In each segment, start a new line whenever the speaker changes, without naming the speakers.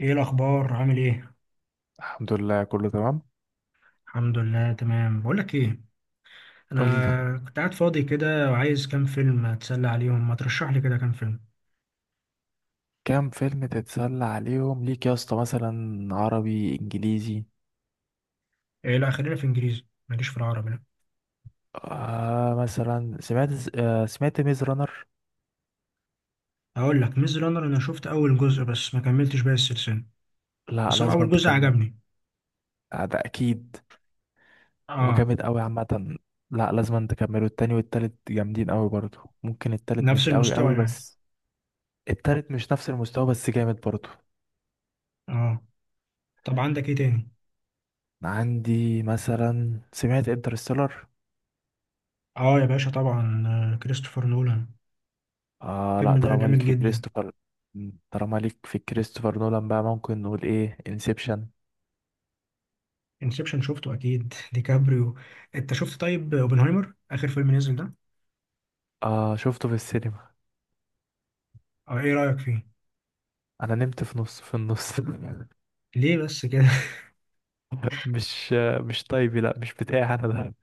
ايه الاخبار؟ عامل ايه؟
الحمد لله، كله تمام.
الحمد لله تمام. بقول لك ايه،
قول لي.
انا كنت قاعد فاضي كده وعايز كام فيلم اتسلى عليهم، ما ترشح لي كده كام فيلم.
كام فيلم تتسلى عليهم ليك يا اسطى؟ مثلا عربي، انجليزي؟
ايه، لا خلينا في انجليزي، ماليش في العربي لا.
آه، مثلا سمعت ميز رانر.
اقول لك ميز رانر، انا شفت اول جزء بس ما كملتش باقي السلسله.
لا،
بس هو
لازم
اول
انت
جزء
تكمل.
عجبني.
آه، ده اكيد. هو
اه.
جامد قوي عامه. لا، لازم انت تكمله. التاني والتالت جامدين قوي برضو. ممكن التالت
نفس
مش قوي
المستوى
قوي
يعني.
بس. التالت مش نفس المستوى بس جامد برضو.
اه. طب عندك ايه تاني؟
عندي مثلا سمعت انترستيلر.
اه يا باشا طبعا، كريستوفر نولان.
آه، لا،
الفيلم ده
طالما ليك
جامد
في
جدا.
كريستوفر. طالما ليك في كريستوفر نولان بقى، ممكن نقول ايه؟ انسبشن.
انسبشن شفته اكيد ديكابريو. انت شفت طيب اوبنهايمر اخر فيلم نزل ده؟
آه، شفته في السينما.
او ايه رايك فيه؟
انا نمت في النص.
ليه بس كده؟
مش مش طيبي. لا، مش بتاعي انا ده.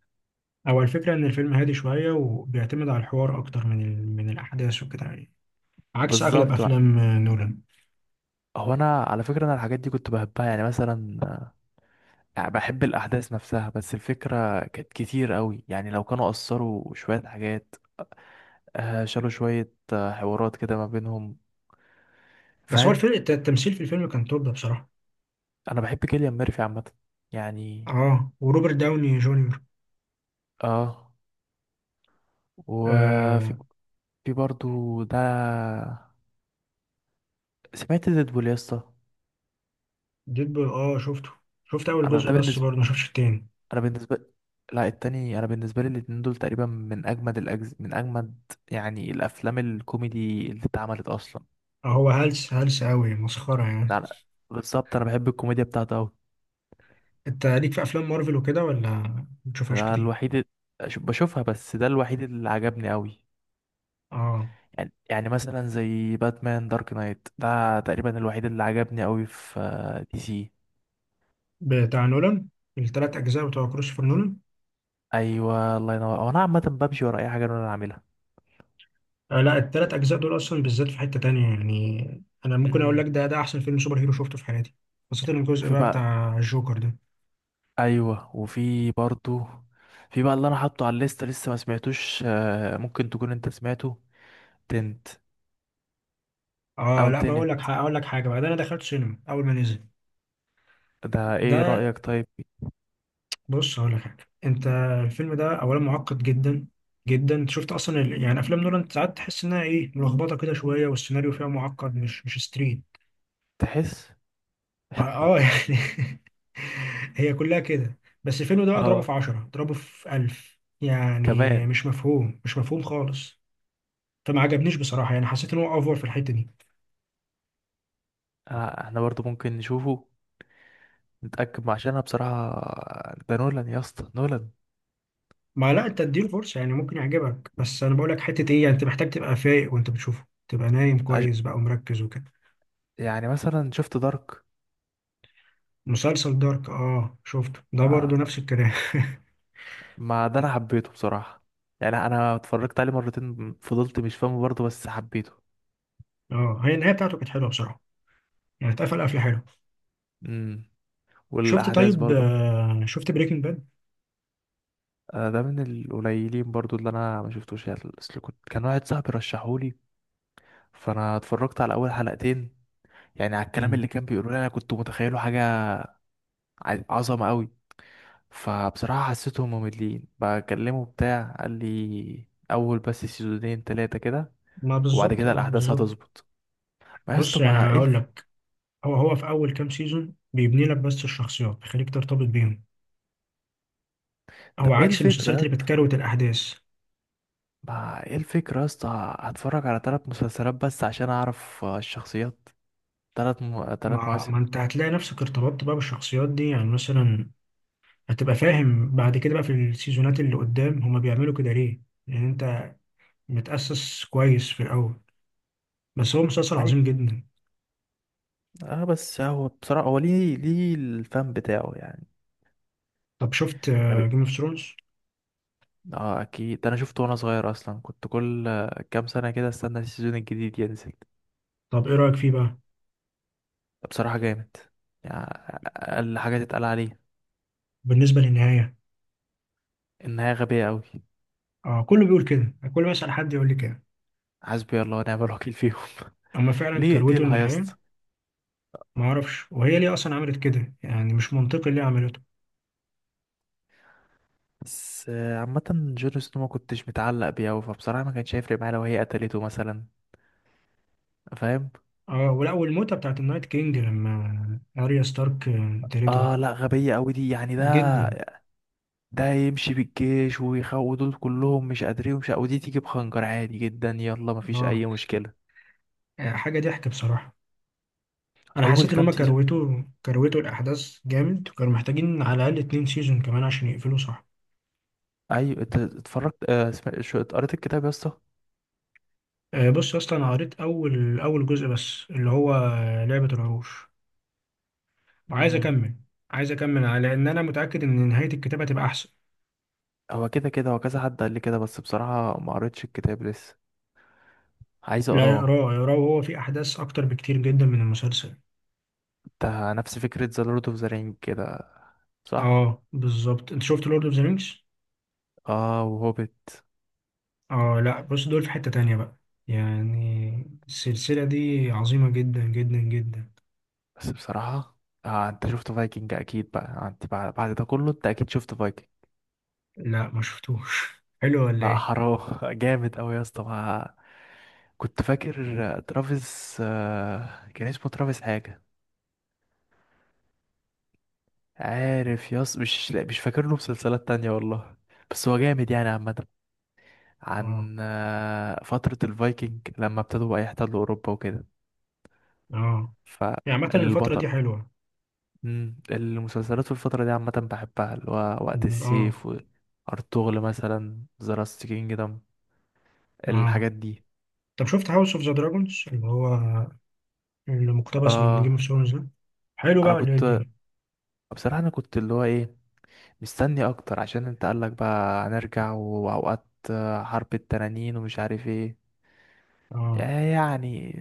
او الفكره ان الفيلم هادي شويه، وبيعتمد على الحوار اكتر من الاحداث وكده يعني. عكس اغلب
بالظبط بقى.
افلام نولان.
هو انا على فكره، انا الحاجات دي كنت بحبها، يعني مثلا. يعني بحب الاحداث نفسها، بس الفكره كانت كتير قوي. يعني لو كانوا قصروا شويه حاجات، آه، شالوا شويه حوارات كده ما بينهم.
بس هو
فاهم.
الفيلم التمثيل في الفيلم كان توب بصراحه.
انا بحب كيليان ميرفي عامه، يعني.
اه، وروبرت داوني جونيور.
اه، وفي
آه.
في برضو ده. سمعت ديدبول يا اسطى؟
ديدبول، اه شفته. شفت اول
انا
جزء
ده
بس،
بالنسبه،
برضه ما شفتش التاني.
انا بالنسبه، لا التاني، انا بالنسبه لي الاتنين دول تقريبا من من اجمد، يعني الافلام الكوميدي اللي اتعملت اصلا.
آه هو هلس هلس قوي، مسخره يعني.
ده أنا... بالظبط، انا بحب الكوميديا بتاعته قوي.
انت ليك في افلام مارفل وكده ولا ما بتشوفهاش
ده
كتير؟
الوحيد ال- أش- بشوفها بس ده الوحيد اللي عجبني قوي.
اه،
يعني مثلا زي باتمان دارك نايت، ده تقريبا الوحيد اللي عجبني قوي في آه، دي سي.
بتاع نولان. التلات اجزاء بتوع كريستوفر نولان.
ايوه، الله ينور. هو انا عامه بمشي ورا اي حاجه انا عاملها.
آه لا، التلات أجزاء دول أصلا بالذات في حتة تانية. يعني أنا ممكن أقول لك،
امم.
ده ده أحسن فيلم سوبر هيرو شفته في حياتي. خاصة الجزء
وفي
بقى
بقى،
بتاع الجوكر ده.
ايوه، وفي برضو. في بقى اللي انا حاطه على الليسته لسه ما سمعتوش، آه، ممكن تكون انت سمعته. تنت، او
آه لا بقول
تنت.
لك حاجة، أقول لك حاجة بقى، ده أنا دخلت سينما أول ما نزل
ده ايه
ده.
رأيك طيب؟
بص هقول لك حاجة أنت، الفيلم ده أولا معقد جدا جدا. أنت شفت أصلا يعني أفلام نولان، ساعات تحس إنها إيه، ملخبطة كده شوية، والسيناريو فيها معقد، مش ستريت.
تحس.
آه, آه يعني هي كلها كده. بس الفيلم ده اضربه
اه،
في 10، اضربه في 1000. يعني
كمان.
مش مفهوم، مش مفهوم خالص. فما عجبنيش بصراحه، يعني حسيت ان هو اوفر في الحته دي.
آه، احنا برضو ممكن نشوفه نتأكد، عشان انا بصراحة ده نولان يا اسطى، نولان.
ما لا انت اديله فرصه، يعني ممكن يعجبك. بس انا بقول لك حته ايه، يعني انت محتاج تبقى فايق وانت بتشوفه، تبقى نايم
عج-
كويس بقى ومركز وكده.
يعني مثلا شفت دارك؟
مسلسل دارك، اه شفته، ده برضه
آه،
نفس الكلام
ما ده انا حبيته بصراحة. يعني انا اتفرجت عليه مرتين، فضلت مش فاهمه برضه، بس حبيته.
اه هي النهايه بتاعته كانت حلوه بصراحه. يعني اتقفل قفله حلوه.
امم.
شفت
والاحداث
طيب،
برضه.
آه شفت بريكنج باد؟
آه، ده من القليلين برضو اللي انا ما شفتوش. يعني اصل كان واحد صاحبي رشحولي، فانا اتفرجت على اول حلقتين. يعني على الكلام
مم.
اللي كان بيقولوا لي، انا كنت متخيله حاجه عظمه قوي. فبصراحه حسيتهم مملين بكلمه بتاع، قال لي اول بس سيزونين تلاتة كده
ما
وبعد
بالظبط،
كده
اه
الاحداث
بالظبط.
هتظبط. ما يا
بص
اسطى
يعني
ما ايه
هقول
الف...
لك، هو في اول كام سيزون بيبني لك بس الشخصيات، بيخليك ترتبط بيهم. هو
طب ايه
عكس
الفكره يا
المسلسلات اللي
اسطى؟
بتكروت الاحداث.
ما ايه الفكره يا اسطى، هتفرج على ثلاث مسلسلات بس عشان اعرف آه، الشخصيات؟ ثلاث
ما
مواسم؟
انت هتلاقي نفسك ارتبطت بقى بالشخصيات دي، يعني مثلا هتبقى فاهم بعد كده بقى في السيزونات اللي قدام هما بيعملوا كده ليه، لان انت متأسس كويس في الاول. بس هو مسلسل عظيم جدا.
اه، بس هو بصراحة، هو ليه الفن بتاعه يعني.
طب شفت
انا ب...
جيم اوف ثرونز؟
اه، اكيد، ده انا شفته وانا صغير اصلا. كنت كل كام سنة كده استنى السيزون الجديد ينزل.
طب ايه رأيك فيه بقى؟
بصراحة جامد، يعني. اقل حاجة تتقال عليه
بالنسبة للنهاية؟
انها غبية قوي.
اه، كله بيقول كده، كل ما اسأل حد يقول لي كده.
حسبي الله ونعم الوكيل فيهم.
اما فعلا
ليه
كروته
يقتلها يا
النهاية.
اسطى؟
ما اعرفش، وهي ليه اصلا عملت كده؟ يعني مش منطقي ليه عملته.
بس آه، عامة جون سنو ما كنتش متعلق بيه أوي، فبصراحة ما كانش هيفرق معايا لو هي قتلته مثلا. فاهم؟
اه، ولا والموتة بتاعت النايت كينج لما اريا ستارك قتلته.
اه، لا غبية قوي دي يعني. ده
جدا.
ده يمشي بالجيش ويخو دول كلهم مش قادرين، ومش ودي تيجي بخنجر عادي جدا يلا مفيش
اه.
اي مشكله.
آه، حاجة ضحك بصراحة. أنا
اول
حسيت إن هما
كام سيزون،
كروتوا الأحداث جامد، وكانوا محتاجين على الأقل 2 سيزون كمان عشان يقفلوا صح.
ايوه أنت اتفرجت؟ آه، قريت الكتاب يا اسطى؟
بص يا اسطى، أنا قريت أول جزء بس اللي هو لعبة العروش، وعايز
امم.
أكمل. لأن أنا متأكد إن نهاية الكتاب هتبقى أحسن.
هو كده كده، هو كذا حد قال لي كده، بس بصراحه ما قريتش الكتاب لسه، عايز
لا
اقراه.
اقراه، اقراه، وهو فيه أحداث أكتر بكتير جدا من المسلسل.
ده نفس فكره ذا لورد اوف ذا رينج كده، صح؟
أه بالظبط. أنت شفت لورد أوف ذا رينجز؟
اه، وهوبيت.
أه لأ، بص دول في حتة تانية بقى. يعني السلسلة دي عظيمة جدا جدا جدا.
بس بصراحه، آه، انت شفت فايكنج اكيد بقى؟ انت بعد ده كله انت اكيد شفت فايكنج.
لا ما شفتوش حلو ولا
لا
ايه؟
حرام، جامد أوي يا اسطى، كنت فاكر ترافيس، آه، كان اسمه ترافيس حاجة. عارف يا اسطى؟ مش فاكر له مسلسلات تانية والله. بس هو جامد يعني عامة.
اه
عن آه، فترة الفايكنج لما ابتدوا بقى يحتلوا أوروبا وكده.
اه يعني. عامه الفتره
فالبطل.
دي حلوه.
المسلسلات في الفترة دي عامة بحبها، اللي هو وقت
م، اه.
السيف. وأرطغرل مثلا، ذا لاست كينجدم،
اه.
الحاجات دي.
طب شفت هاوس اوف ذا دراجونز، اللي هو اللي مقتبس من جيم اوف
اه،
ثرونز ده؟ حلو بقى
انا
ولا ايه
كنت،
الدنيا؟
بصراحة انا كنت اللي هو ايه، مستني اكتر عشان انت قالك بقى هنرجع واوقات حرب التنانين ومش عارف ايه.
اه.
يعني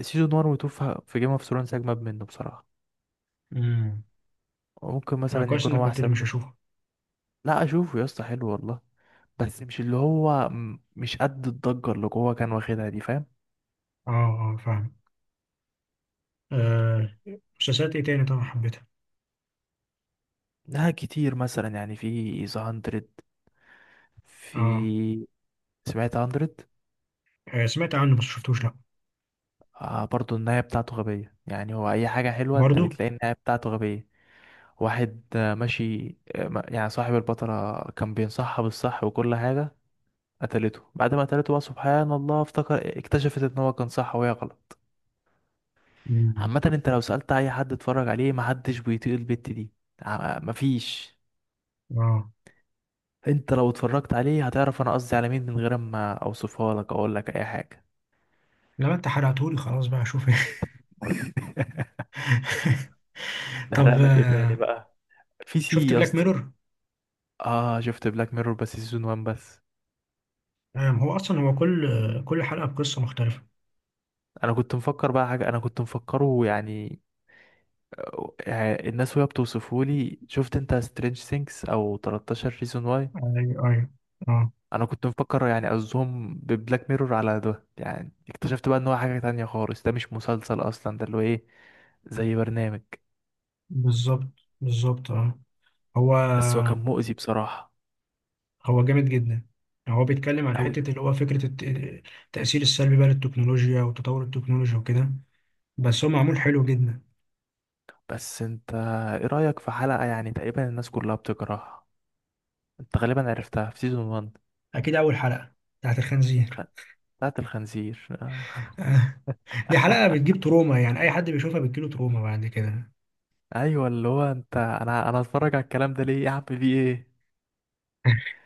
سيزون 1 و 2 في جيم اوف ثرونز اجمد منه بصراحه،
امم.
وممكن
آه
مثلا
كويس
يكون
انك
هو
قلت لي،
احسن
مش
منه.
هشوفه.
لا، اشوفه يا اسطى، حلو والله. بس مش اللي هو مش قد الضجه اللي جوه كان واخدها دي. فاهم؟
اه اه فاهم. آه. مسلسلات ايه تاني طبعا حبيتها؟
لا، كتير مثلا، يعني في ذا 100.
اه.
في، سمعت 100؟
آه، سمعت عنه بس شفتوش لا.
آه، برضو النهايه بتاعته غبيه. يعني هو اي حاجه حلوه انت
برضو.
بتلاقي النهايه بتاعته غبيه. واحد آه، ماشي آه، يعني صاحب البطلة كان بينصحها بالصح وكل حاجة، قتلته. بعد ما قتلته بقى، سبحان الله، افتكر اكتشفت ان هو كان صح وهي غلط.
مم.
عامة انت لو سألت اي حد اتفرج عليه محدش بيطيق البت دي. مفيش،
اه.
انت لو اتفرجت عليه هتعرف انا قصدي على مين من غير ما اوصفها لك، اقول لك اي حاجة.
لما انت حرقتهولي خلاص بقى اشوف طب
نحرق لك ايه
آه،
تاني بقى؟ في سي
شفت
يا
بلاك
اسطى؟
ميرور؟
اه، شفت بلاك ميرور بس سيزون 1 بس.
هو اصلا هو كل كل حلقه بقصه مختلفه.
انا كنت مفكر بقى حاجة، انا كنت مفكره يعني. آه، الناس وهي بتوصفه لي، شفت انت سترينج سينكس او 13 ريزون واي؟
ايوه ايوه. اه.
انا كنت مفكر يعني قصدهم ببلاك ميرور على ده، يعني اكتشفت بقى ان هو حاجة تانية خالص، ده مش مسلسل اصلا، ده اللي هو ايه، زي برنامج.
بالظبط، بالظبط اه. هو
بس هو كان مؤذي بصراحة،
هو جامد جدا. هو بيتكلم عن
قوي.
حته اللي هو فكره التاثير السلبي بقى للتكنولوجيا وتطور التكنولوجيا وكده. بس هو معمول حلو جدا.
بس انت، ايه رأيك في حلقة يعني تقريبا الناس كلها بتكرهها؟ انت غالبا عرفتها في سيزون 1،
اكيد اول حلقه، بتاعت الخنزير
خ- بتاعت الخنزير.
دي حلقه بتجيب تروما، يعني اي حد بيشوفها بتجيله تروما بعد كده
ايوه، اللي هو انت انا هتفرج على الكلام ده ليه يا عم؟ في ايه؟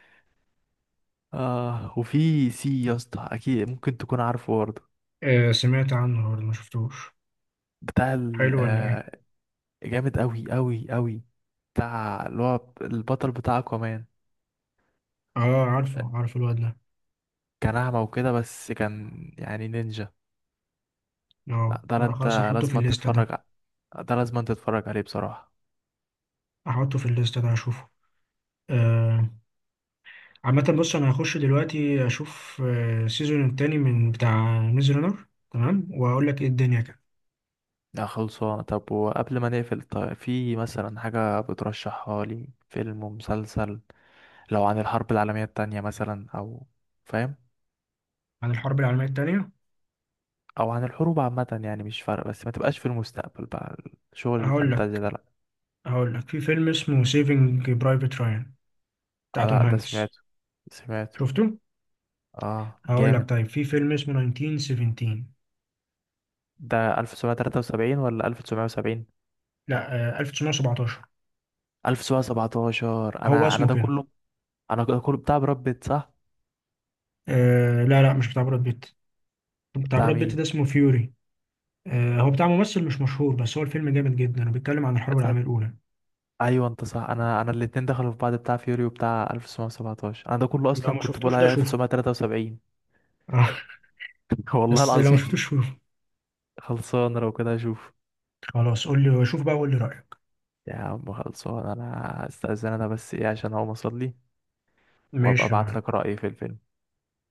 اه، وفي سي يا اسطى، اكيد ممكن تكون عارفه برضه.
آه سمعت عنه برضه، ما شفتوش.
بتاع ال
حلو ولا ايه؟
آه، جامد قوي قوي قوي. بتاع اللي هو البطل بتاع اكوامان.
اه عارفه، عارف الواد ده.
كان اعمى وكده بس كان يعني نينجا. لا
اه
ده، لا
لا خلاص
انت
احطه في
لازم
الليسته ده،
تتفرج ع- ده لازم تتفرج عليه بصراحة.
احطه في الليسته ده، اشوفه. عامة بص أنا هخش دلوقتي أشوف السيزون التاني من بتاع ميز رانر، تمام، وأقول لك إيه الدنيا كده.
لا، خلصانه. طب وقبل ما نقفل، طيب في مثلا حاجة بترشحها لي، فيلم ومسلسل، لو عن الحرب العالمية التانية مثلا، او، فاهم،
عن الحرب العالمية التانية،
او عن الحروب عامة يعني. مش فارقة بس ما تبقاش في المستقبل بقى، شغل
هقول
الفانتازيا
لك،
ده لا.
هقول لك في فيلم اسمه سيفنج برايفت رايان، بتاع
آه،
توم
لا ده
هانكس.
سمعته، سمعته.
شفته؟
اه،
هقول لك
جامد.
طيب في فيلم اسمه 1917.
ده 1973 ولا 1970؟
لا 1917
1917
هو
انا،
اسمه
ده
كده.
كله. انا ده كله بتاع براد بيت، صح؟
آه لا لا، مش بتاع براد بيت. بتاع
بتاع
براد بيت
مين؟
ده اسمه فيوري. آه هو بتاع ممثل مش مشهور، بس هو الفيلم جامد جدا وبيتكلم عن الحرب
بتاع-
العالمية الأولى.
ايوه انت صح. انا الاتنين دخلوا في بعض، بتاع فيوري وبتاع 1917. انا ده كله
لو
اصلا
ما
كنت بقول
شفتوش ده
عليه
شوفه
1973.
آه.
والله
بس لو ما
العظيم.
شفتوش،
خلصان، لو كده اشوف.
خلاص قول لي شوف بقى وقول لي رأيك.
يا عم خلصان، انا استاذن انا بس ايه عشان اقوم اصلي، وابقى
ماشي يا
ابعت
معلم.
لك رأيي في الفيلم.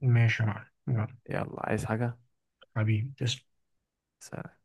ماشي يا معلم، يلا.
يلا، عايز حاجة؟
حبيبي تسلم.
سلام.